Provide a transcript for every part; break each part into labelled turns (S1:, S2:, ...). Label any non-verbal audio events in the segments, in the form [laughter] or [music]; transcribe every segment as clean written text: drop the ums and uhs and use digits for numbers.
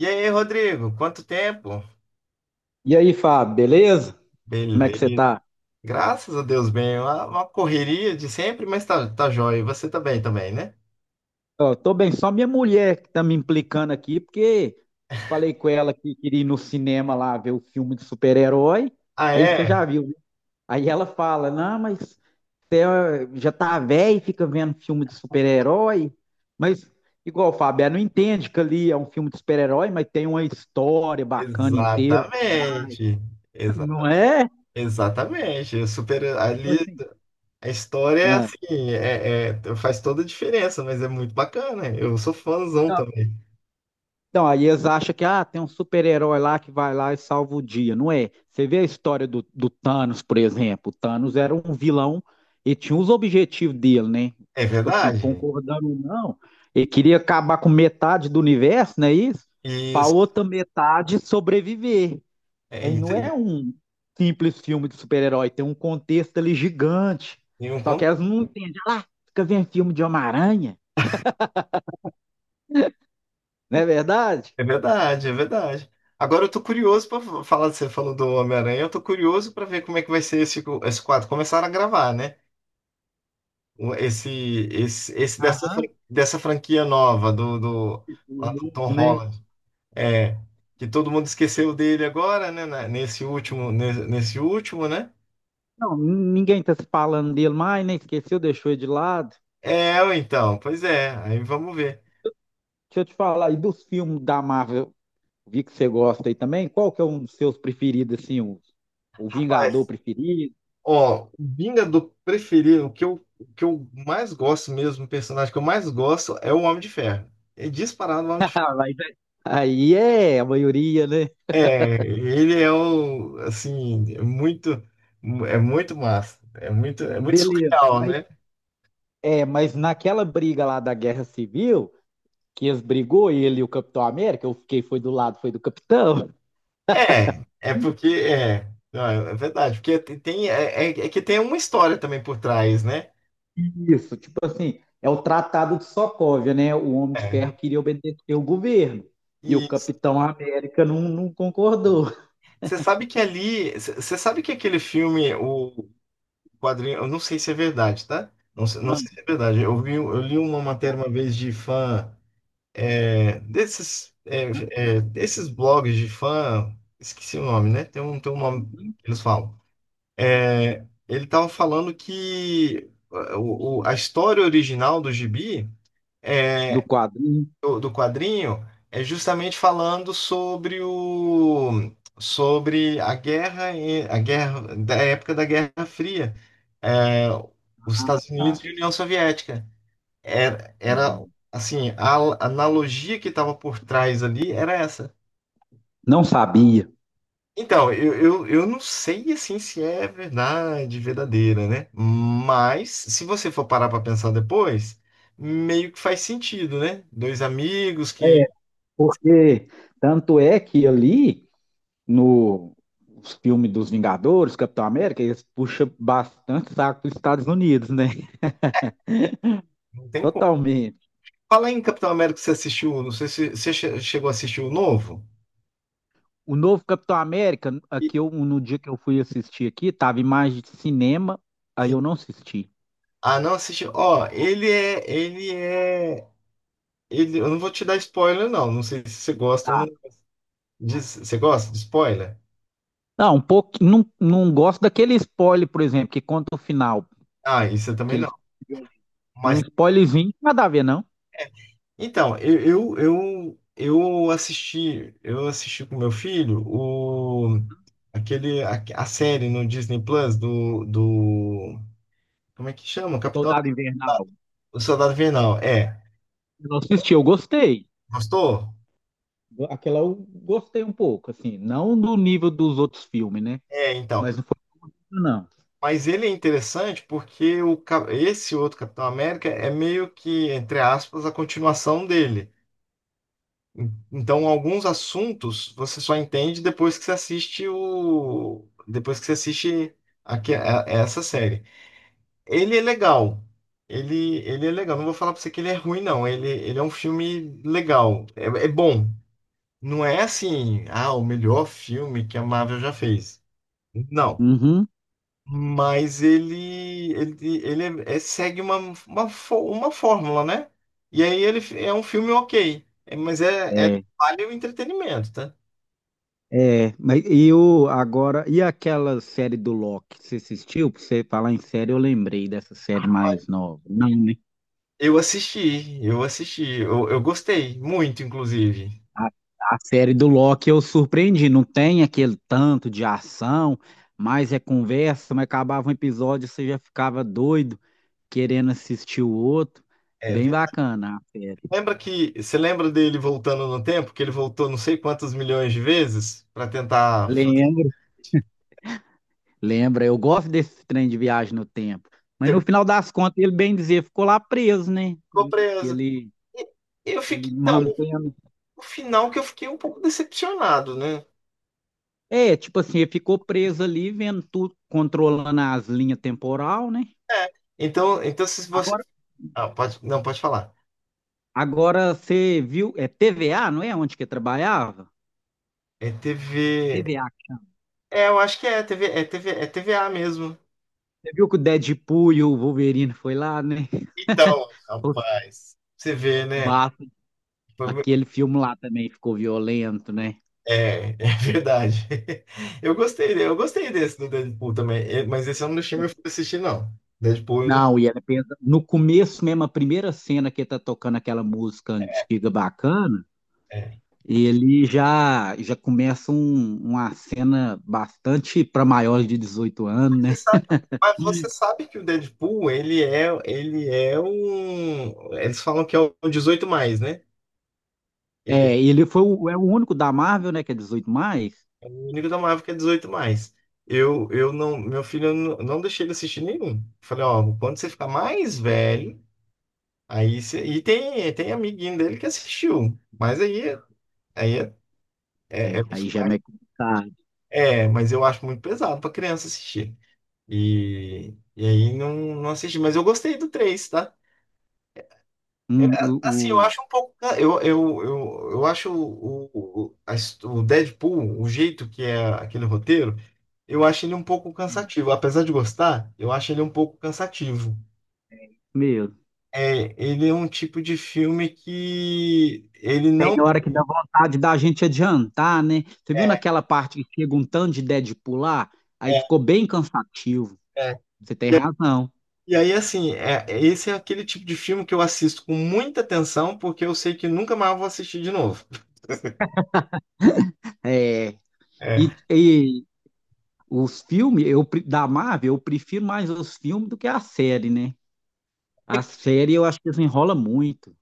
S1: E aí, Rodrigo, quanto tempo?
S2: E aí, Fábio, beleza? Como é que você
S1: Beleza.
S2: tá?
S1: Graças a Deus, bem. Uma correria de sempre, mas tá joia. E você tá bem também, né?
S2: Ó, tô bem, só minha mulher que tá me implicando aqui, porque eu falei com ela que queria ir no cinema lá ver o filme de super-herói,
S1: Ah,
S2: aí você
S1: é?
S2: já viu, né? Aí ela fala, não, mas você ó, já tá velho e fica vendo filme de super-herói, mas igual, Fábio, ela não entende que ali é um filme de super-herói, mas tem uma história bacana inteira por trás,
S1: Exatamente. Exa
S2: não é?
S1: exatamente. Eu super,
S2: Tipo
S1: ali
S2: assim,
S1: a história é
S2: ah.
S1: assim, faz toda a diferença, mas é muito bacana. Eu sou fãzão também.
S2: Então, aí eles acham que tem um super-herói lá que vai lá e salva o dia. Não é. Você vê a história do Thanos, por exemplo. O Thanos era um vilão e tinha os objetivos dele, né?
S1: É
S2: Tipo assim,
S1: verdade.
S2: concordando ou não, ele queria acabar com metade do universo, não é isso? Para
S1: Isso,
S2: outra metade sobreviver.
S1: é
S2: Aí
S1: isso
S2: não
S1: aí.
S2: é um simples filme de super-herói, tem um contexto ali gigante.
S1: E um
S2: Só que elas não entendem. Fica vendo filme de Homem-Aranha, não é verdade?
S1: É verdade, é verdade. Agora eu tô curioso pra falar, você falou do Homem-Aranha, eu tô curioso pra ver como é que vai ser esse, esse, quadro. Começaram a gravar, né? O- Esse, esse dessa, fran-
S2: Aham.
S1: dessa franquia nova do,
S2: O
S1: lá do Tom
S2: novo, né?
S1: Holland. É, que todo mundo esqueceu dele agora, né? Nesse último, nesse último, né?
S2: Não, ninguém tá se falando dele mais, nem esqueceu, deixou ele de lado.
S1: É, então, pois é, aí vamos ver.
S2: Deixa eu te falar, e dos filmes da Marvel, vi que você gosta aí também, qual que é um dos seus preferidos, assim, o Vingador preferido?
S1: Ó, o Vingador preferido, o que eu mais gosto mesmo, o personagem que eu mais gosto é o Homem de Ferro. É disparado o Homem de
S2: Ah,
S1: Ferro.
S2: mas aí é a maioria, né?
S1: É, ele é o, assim, é muito massa. É muito
S2: Beleza,
S1: surreal,
S2: mas,
S1: né?
S2: é, mas naquela briga lá da Guerra Civil, que eles brigou, ele e o Capitão América, eu fiquei, foi do lado, foi do Capitão.
S1: É, é porque, é, não, é verdade, porque tem, tem- é, é- é que tem uma história também por trás, né?
S2: Isso, tipo assim, é o Tratado de Sokovia, né? O Homem de
S1: É.
S2: Ferro queria obedecer o governo. E o
S1: E
S2: Capitão América não, não concordou.
S1: você sabe que ali, você sabe que aquele filme, o quadrinho, eu não sei se é verdade, tá? Não, não sei
S2: Aham,
S1: se é verdade. Eu vi, eu li uma matéria uma vez de fã desses desses blogs de fã, esqueci o nome, né? Tem um nome
S2: uhum.
S1: que eles falam. É, ele tava falando que a história original do Gibi
S2: Do
S1: é
S2: quadrinho.
S1: do quadrinho é justamente falando sobre a guerra a guerra da época da Guerra Fria, é, os Estados
S2: Ah,
S1: Unidos e a União Soviética. Era,
S2: não,
S1: era assim, a analogia que estava por trás ali era essa.
S2: não sabia.
S1: Então, eu não sei assim se é verdade, verdadeira, né? Mas se você for parar para pensar depois, meio que faz sentido, né? Dois amigos que
S2: É, porque tanto é que ali no os filmes dos Vingadores, Capitão América, eles puxam bastante saco dos Estados Unidos, né?
S1: não tem.
S2: Totalmente.
S1: Fala aí em Capitão América que você assistiu, não sei se você chegou a assistir o novo.
S2: O novo Capitão América,
S1: E-
S2: aqui eu, no dia que eu fui assistir aqui, tava em mais de cinema, aí
S1: Sim.
S2: eu não assisti.
S1: Ah, não assistiu. Ó, eu não vou te dar spoiler não, não sei se você gosta ou não.
S2: Tá.
S1: Você gosta de spoiler?
S2: Não, um pouco, não, não gosto daquele spoiler, por exemplo, que conta o final,
S1: Ah, isso eu
S2: que
S1: também não.
S2: eles mas um
S1: Mas
S2: spoilerzinho, nada a ver, não.
S1: então, eu assisti com meu filho o aquele a série no Disney Plus do como é que chama? Capitão,
S2: Soldado Invernal.
S1: o Soldado Invernal. É.
S2: Eu não assisti, eu gostei.
S1: Gostou?
S2: Aquela eu gostei um pouco, assim, não do nível dos outros filmes, né?
S1: É, então.
S2: Mas não foi isso, não.
S1: Mas ele é interessante porque esse outro Capitão América é meio que, entre aspas, a continuação dele. Então, alguns assuntos você só entende depois que você assiste depois que você assiste essa série. Ele é legal. Ele é legal. Não vou falar pra você que ele é ruim, não. Ele é um filme legal. É, é bom. Não é assim, ah, o melhor filme que a Marvel já fez. Não.
S2: Uhum.
S1: Mas ele segue uma fórmula, né? E aí ele é um filme ok, é, mas
S2: É.
S1: vale o entretenimento, tá?
S2: É, mas e o agora e aquela série do Loki, você assistiu? Pra você falar em série, eu lembrei dessa série mais nova. Não, né?
S1: Eu gostei muito, inclusive.
S2: A, a série do Loki eu surpreendi, não tem aquele tanto de ação, mas é conversa, mas acabava um episódio, você já ficava doido, querendo assistir o outro.
S1: É,
S2: Bem bacana a série.
S1: lembra que você lembra dele voltando no tempo, que ele voltou não sei quantos milhões de vezes para tentar
S2: Lembro, lembra, eu gosto desse trem de viagem no tempo. Mas
S1: fazer,
S2: no final das contas, ele bem dizer, ficou lá preso, né?
S1: ficou
S2: Que
S1: preso.
S2: ele,
S1: E Eu
S2: ele
S1: fiquei, então,
S2: mantendo.
S1: o final que eu fiquei um pouco decepcionado, né?
S2: É, tipo assim, ele ficou preso ali, vendo tudo, controlando as linhas temporal, né?
S1: Então se você, ah, pode, não pode falar.
S2: Agora você viu, é TVA, não é? Onde que eu trabalhava?
S1: É TV.
S2: TVA.
S1: É, eu acho que é TV, é TVA mesmo.
S2: Você viu que o Deadpool e o Wolverine foi lá, né? [laughs]
S1: Então,
S2: Os
S1: rapaz, você vê, né?
S2: Massa.
S1: Foi-
S2: Aquele filme lá também ficou violento, né?
S1: É, é verdade. [laughs] Eu gostei desse do Deadpool também, é, mas esse eu não deixei meu filho assistir, não. Deadpool, eu não,
S2: Não, e ela pensa, no começo mesmo, a primeira cena que ele tá tocando aquela música antiga bacana,
S1: é.
S2: ele já começa uma cena bastante para maiores de 18 anos,
S1: Você
S2: né?
S1: sabe, mas você sabe que o Deadpool, ele é um, eles falam que é o 18 mais, né? Ele,
S2: É, ele é o único da Marvel, né, que é 18+.
S1: é, o único da Marvel que é 18 mais. Eu não, meu filho, eu não, não deixei ele assistir nenhum. Falei, ó, quando você ficar mais velho, aí você. E tem amiguinho dele que assistiu. Mas aí é,
S2: É,
S1: os
S2: aí já é
S1: pais-
S2: meio complicado.
S1: é, mas eu acho muito pesado pra criança assistir. E aí não, não assisti. Mas eu gostei do três, tá? É, assim, eu
S2: O,
S1: acho um pouco. Eu acho o Deadpool, o jeito que é aquele roteiro, eu acho ele um pouco cansativo. Apesar de gostar, eu acho ele um pouco cansativo.
S2: meu,
S1: É, ele é um tipo de filme que ele
S2: tem
S1: não.
S2: hora que dá vontade da gente adiantar, né? Você viu
S1: É,
S2: naquela parte que chega um tanto de Deadpool lá? Aí
S1: é.
S2: ficou bem cansativo.
S1: É.
S2: Você tem razão.
S1: E aí, assim, esse é aquele tipo de filme que eu assisto com muita atenção, porque eu sei que nunca mais eu vou assistir de novo.
S2: É, e,
S1: É.
S2: e os filmes eu, da Marvel, eu prefiro mais os filmes do que a série, né?
S1: É,
S2: A série eu acho que desenrola muito.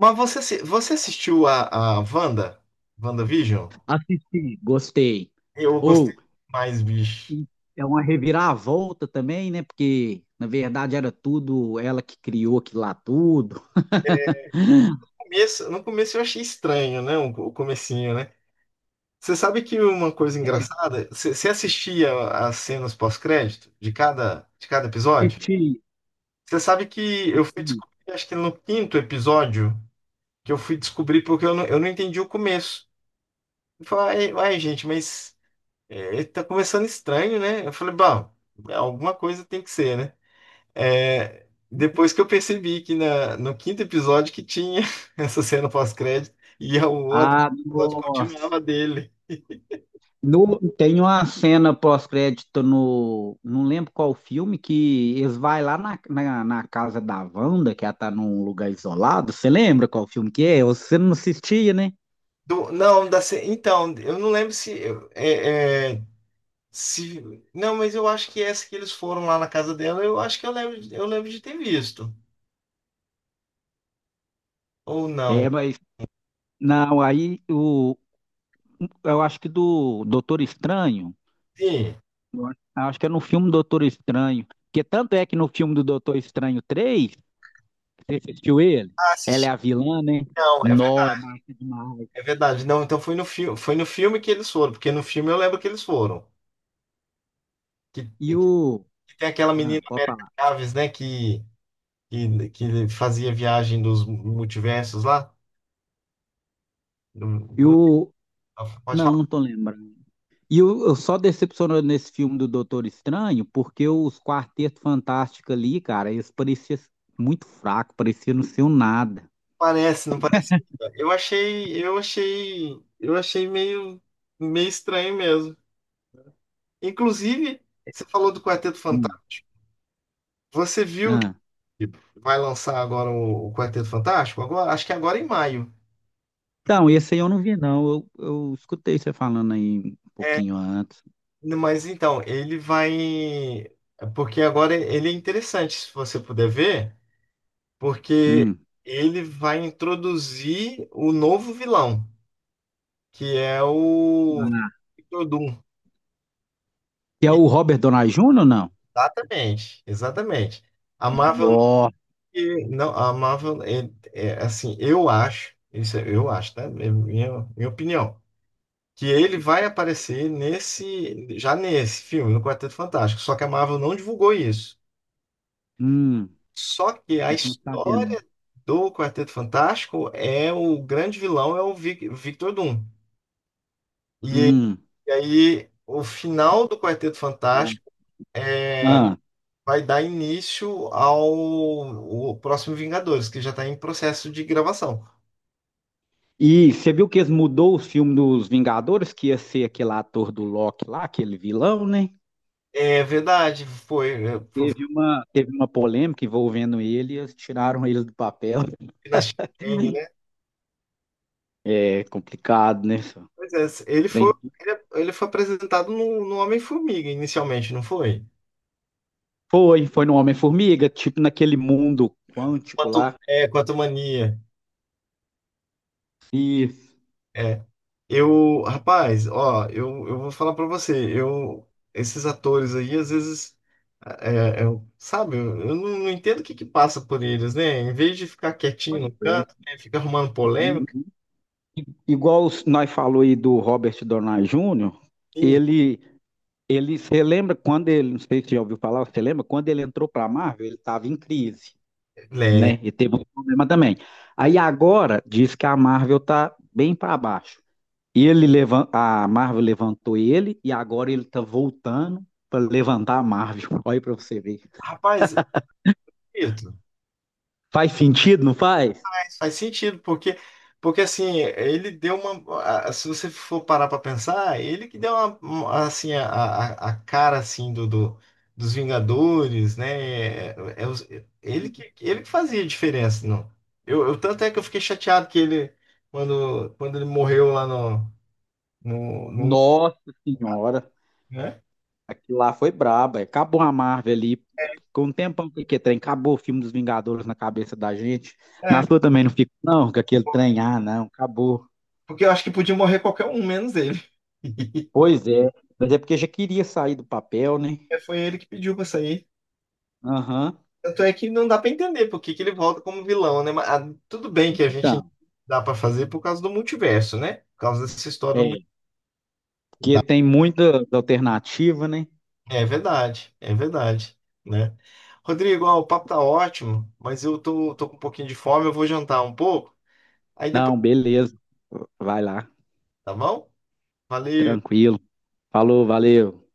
S1: mas você, você assistiu a Wanda? WandaVision?
S2: Assisti, gostei.
S1: Eu gostei
S2: Ou
S1: mais, bicho.
S2: e é uma reviravolta também, né? Porque na verdade era tudo ela que criou aquilo lá tudo.
S1: E no começo eu achei estranho, né? O comecinho, né? Você sabe que uma coisa engraçada, você assistia as cenas pós-crédito de cada episódio?
S2: Assisti.
S1: Você sabe que eu fui descobrir, acho que no quinto episódio, que eu fui descobrir porque eu não entendi o começo. Eu falei, ai, ai, gente, mas tá começando estranho, né? Eu falei, bom, alguma coisa tem que ser, né? É, depois que eu percebi que no quinto episódio que tinha [laughs] essa cena pós-crédito e o outro
S2: Ah,
S1: episódio
S2: nossa.
S1: continuava dele.
S2: No, tem uma cena pós-crédito no. Não lembro qual filme, que eles vão lá na, na casa da Wanda, que ela tá num lugar isolado. Você lembra qual filme que é? Você não assistia, né?
S1: Não, então, eu não lembro se, é, é, se. Não, mas eu acho que essa que eles foram lá na casa dela, eu acho que eu lembro de ter visto. Ou não.
S2: É, mas. Não, aí o, eu acho que do Doutor Estranho.
S1: Sim.
S2: Eu acho que é no filme Doutor Estranho. Porque tanto é que no filme do Doutor Estranho 3 você assistiu ele?
S1: Ah,
S2: Ela é a
S1: assisti.
S2: vilã, né?
S1: Não, é
S2: Nó, é
S1: verdade.
S2: massa demais.
S1: É verdade. Não, então foi no filme que eles foram, porque no filme eu lembro que eles foram. Que,
S2: E o.
S1: que tem aquela menina
S2: Ah, pode
S1: América
S2: falar.
S1: Chaves, né? Que fazia viagem dos multiversos lá. do-
S2: E
S1: do-
S2: o.
S1: Pode
S2: Não,
S1: falar,
S2: não tô lembrando. E eu só decepcionou nesse filme do Doutor Estranho, porque os Quarteto Fantástico ali, cara, eles pareciam muito fracos, pareciam não ser um nada.
S1: parece, não parece. Eu achei meio estranho mesmo. Inclusive, você falou do Quarteto
S2: Hum.
S1: Fantástico. Você viu
S2: Ah.
S1: que vai lançar agora o Quarteto Fantástico? Agora, acho que agora em maio.
S2: Então, esse aí eu não vi, não. Eu escutei você falando aí um pouquinho antes.
S1: Mas então, ele vai. Porque agora ele é interessante, se você puder ver, porque
S2: Hum.
S1: ele vai introduzir o novo vilão, que é o
S2: Ah.
S1: Victor Doom.
S2: Que é o Robert Downey Jr. ou não?
S1: Exatamente, exatamente. A Marvel
S2: Ó.
S1: não, não, a Marvel é, assim, eu acho, tá? É minha opinião, que ele vai aparecer nesse, já nesse filme, no Quarteto Fantástico, só que a Marvel não divulgou isso.
S2: Hum.
S1: Só que a
S2: Esse eu não sabia, não.
S1: história do Quarteto Fantástico é o grande vilão é o Victor Doom. E,
S2: Hum.
S1: e aí o final do Quarteto Fantástico
S2: Ah.
S1: vai dar início ao o próximo Vingadores, que já está em processo de gravação.
S2: E você viu que eles mudou o filme dos Vingadores, que ia ser aquele ator do Loki lá, aquele vilão, né?
S1: É verdade, foi
S2: Teve uma polêmica envolvendo ele, e eles tiraram ele do papel.
S1: na Chang, né?
S2: [laughs] É complicado, né? só?
S1: Pois é, ele foi,
S2: Trem-
S1: ele foi apresentado no Homem-Formiga inicialmente, não foi?
S2: foi no Homem-Formiga, tipo naquele mundo quântico
S1: Quanto,
S2: lá.
S1: é, quanto mania.
S2: E
S1: É. Eu, rapaz, ó, eu vou falar pra você, eu, esses atores aí, às vezes, eu, sabe, eu não, não entendo o que que passa por eles, né? Em vez de ficar quietinho no
S2: pois é.
S1: canto, né, fica arrumando polêmica.
S2: Uhum. Igual nós falou aí do Robert Downey Jr.,
S1: assim,
S2: ele, você lembra quando ele, não sei se você já ouviu falar, você lembra quando ele entrou para a Marvel, ele estava em crise,
S1: Lembro.
S2: né? E teve um problema também. Aí agora diz que a Marvel tá bem para baixo. A Marvel levantou ele e agora ele tá voltando para levantar a Marvel. [laughs] Olha para você ver.
S1: Rapaz, Ito,
S2: Faz sentido, não faz?
S1: faz sentido, porque, assim, ele deu uma. A- Se você for parar para pensar, ele que deu assim, a cara assim, dos Vingadores, né? É, é os- ele que fazia a diferença. Não. Tanto é que eu fiquei chateado que ele, quando ele morreu lá no,
S2: Nossa senhora,
S1: né?
S2: aquilo lá foi braba. Acabou a Marvel ali. Ficou um tempão que aquele trem acabou o filme dos Vingadores na cabeça da gente. Na
S1: É,
S2: sua também não fica, não, com aquele trem, ah, não, acabou.
S1: porque eu acho que podia morrer qualquer um, menos ele. [laughs]
S2: Pois é, mas é porque já queria sair do papel, né?
S1: Foi ele que pediu para sair.
S2: Aham.
S1: Tanto é que não dá pra entender por que que ele volta como vilão, né? Mas, ah, tudo bem que a gente
S2: Então,
S1: dá pra fazer por causa do multiverso, né? Por causa dessa história do
S2: é,
S1: multiverso.
S2: porque tem muita alternativa, né?
S1: É verdade, né? Rodrigo, ó, o papo tá ótimo, mas eu tô com um pouquinho de fome, eu vou jantar um pouco, aí depois,
S2: Não, beleza. Vai lá,
S1: tá bom? Valeu!
S2: tranquilo. Falou, valeu.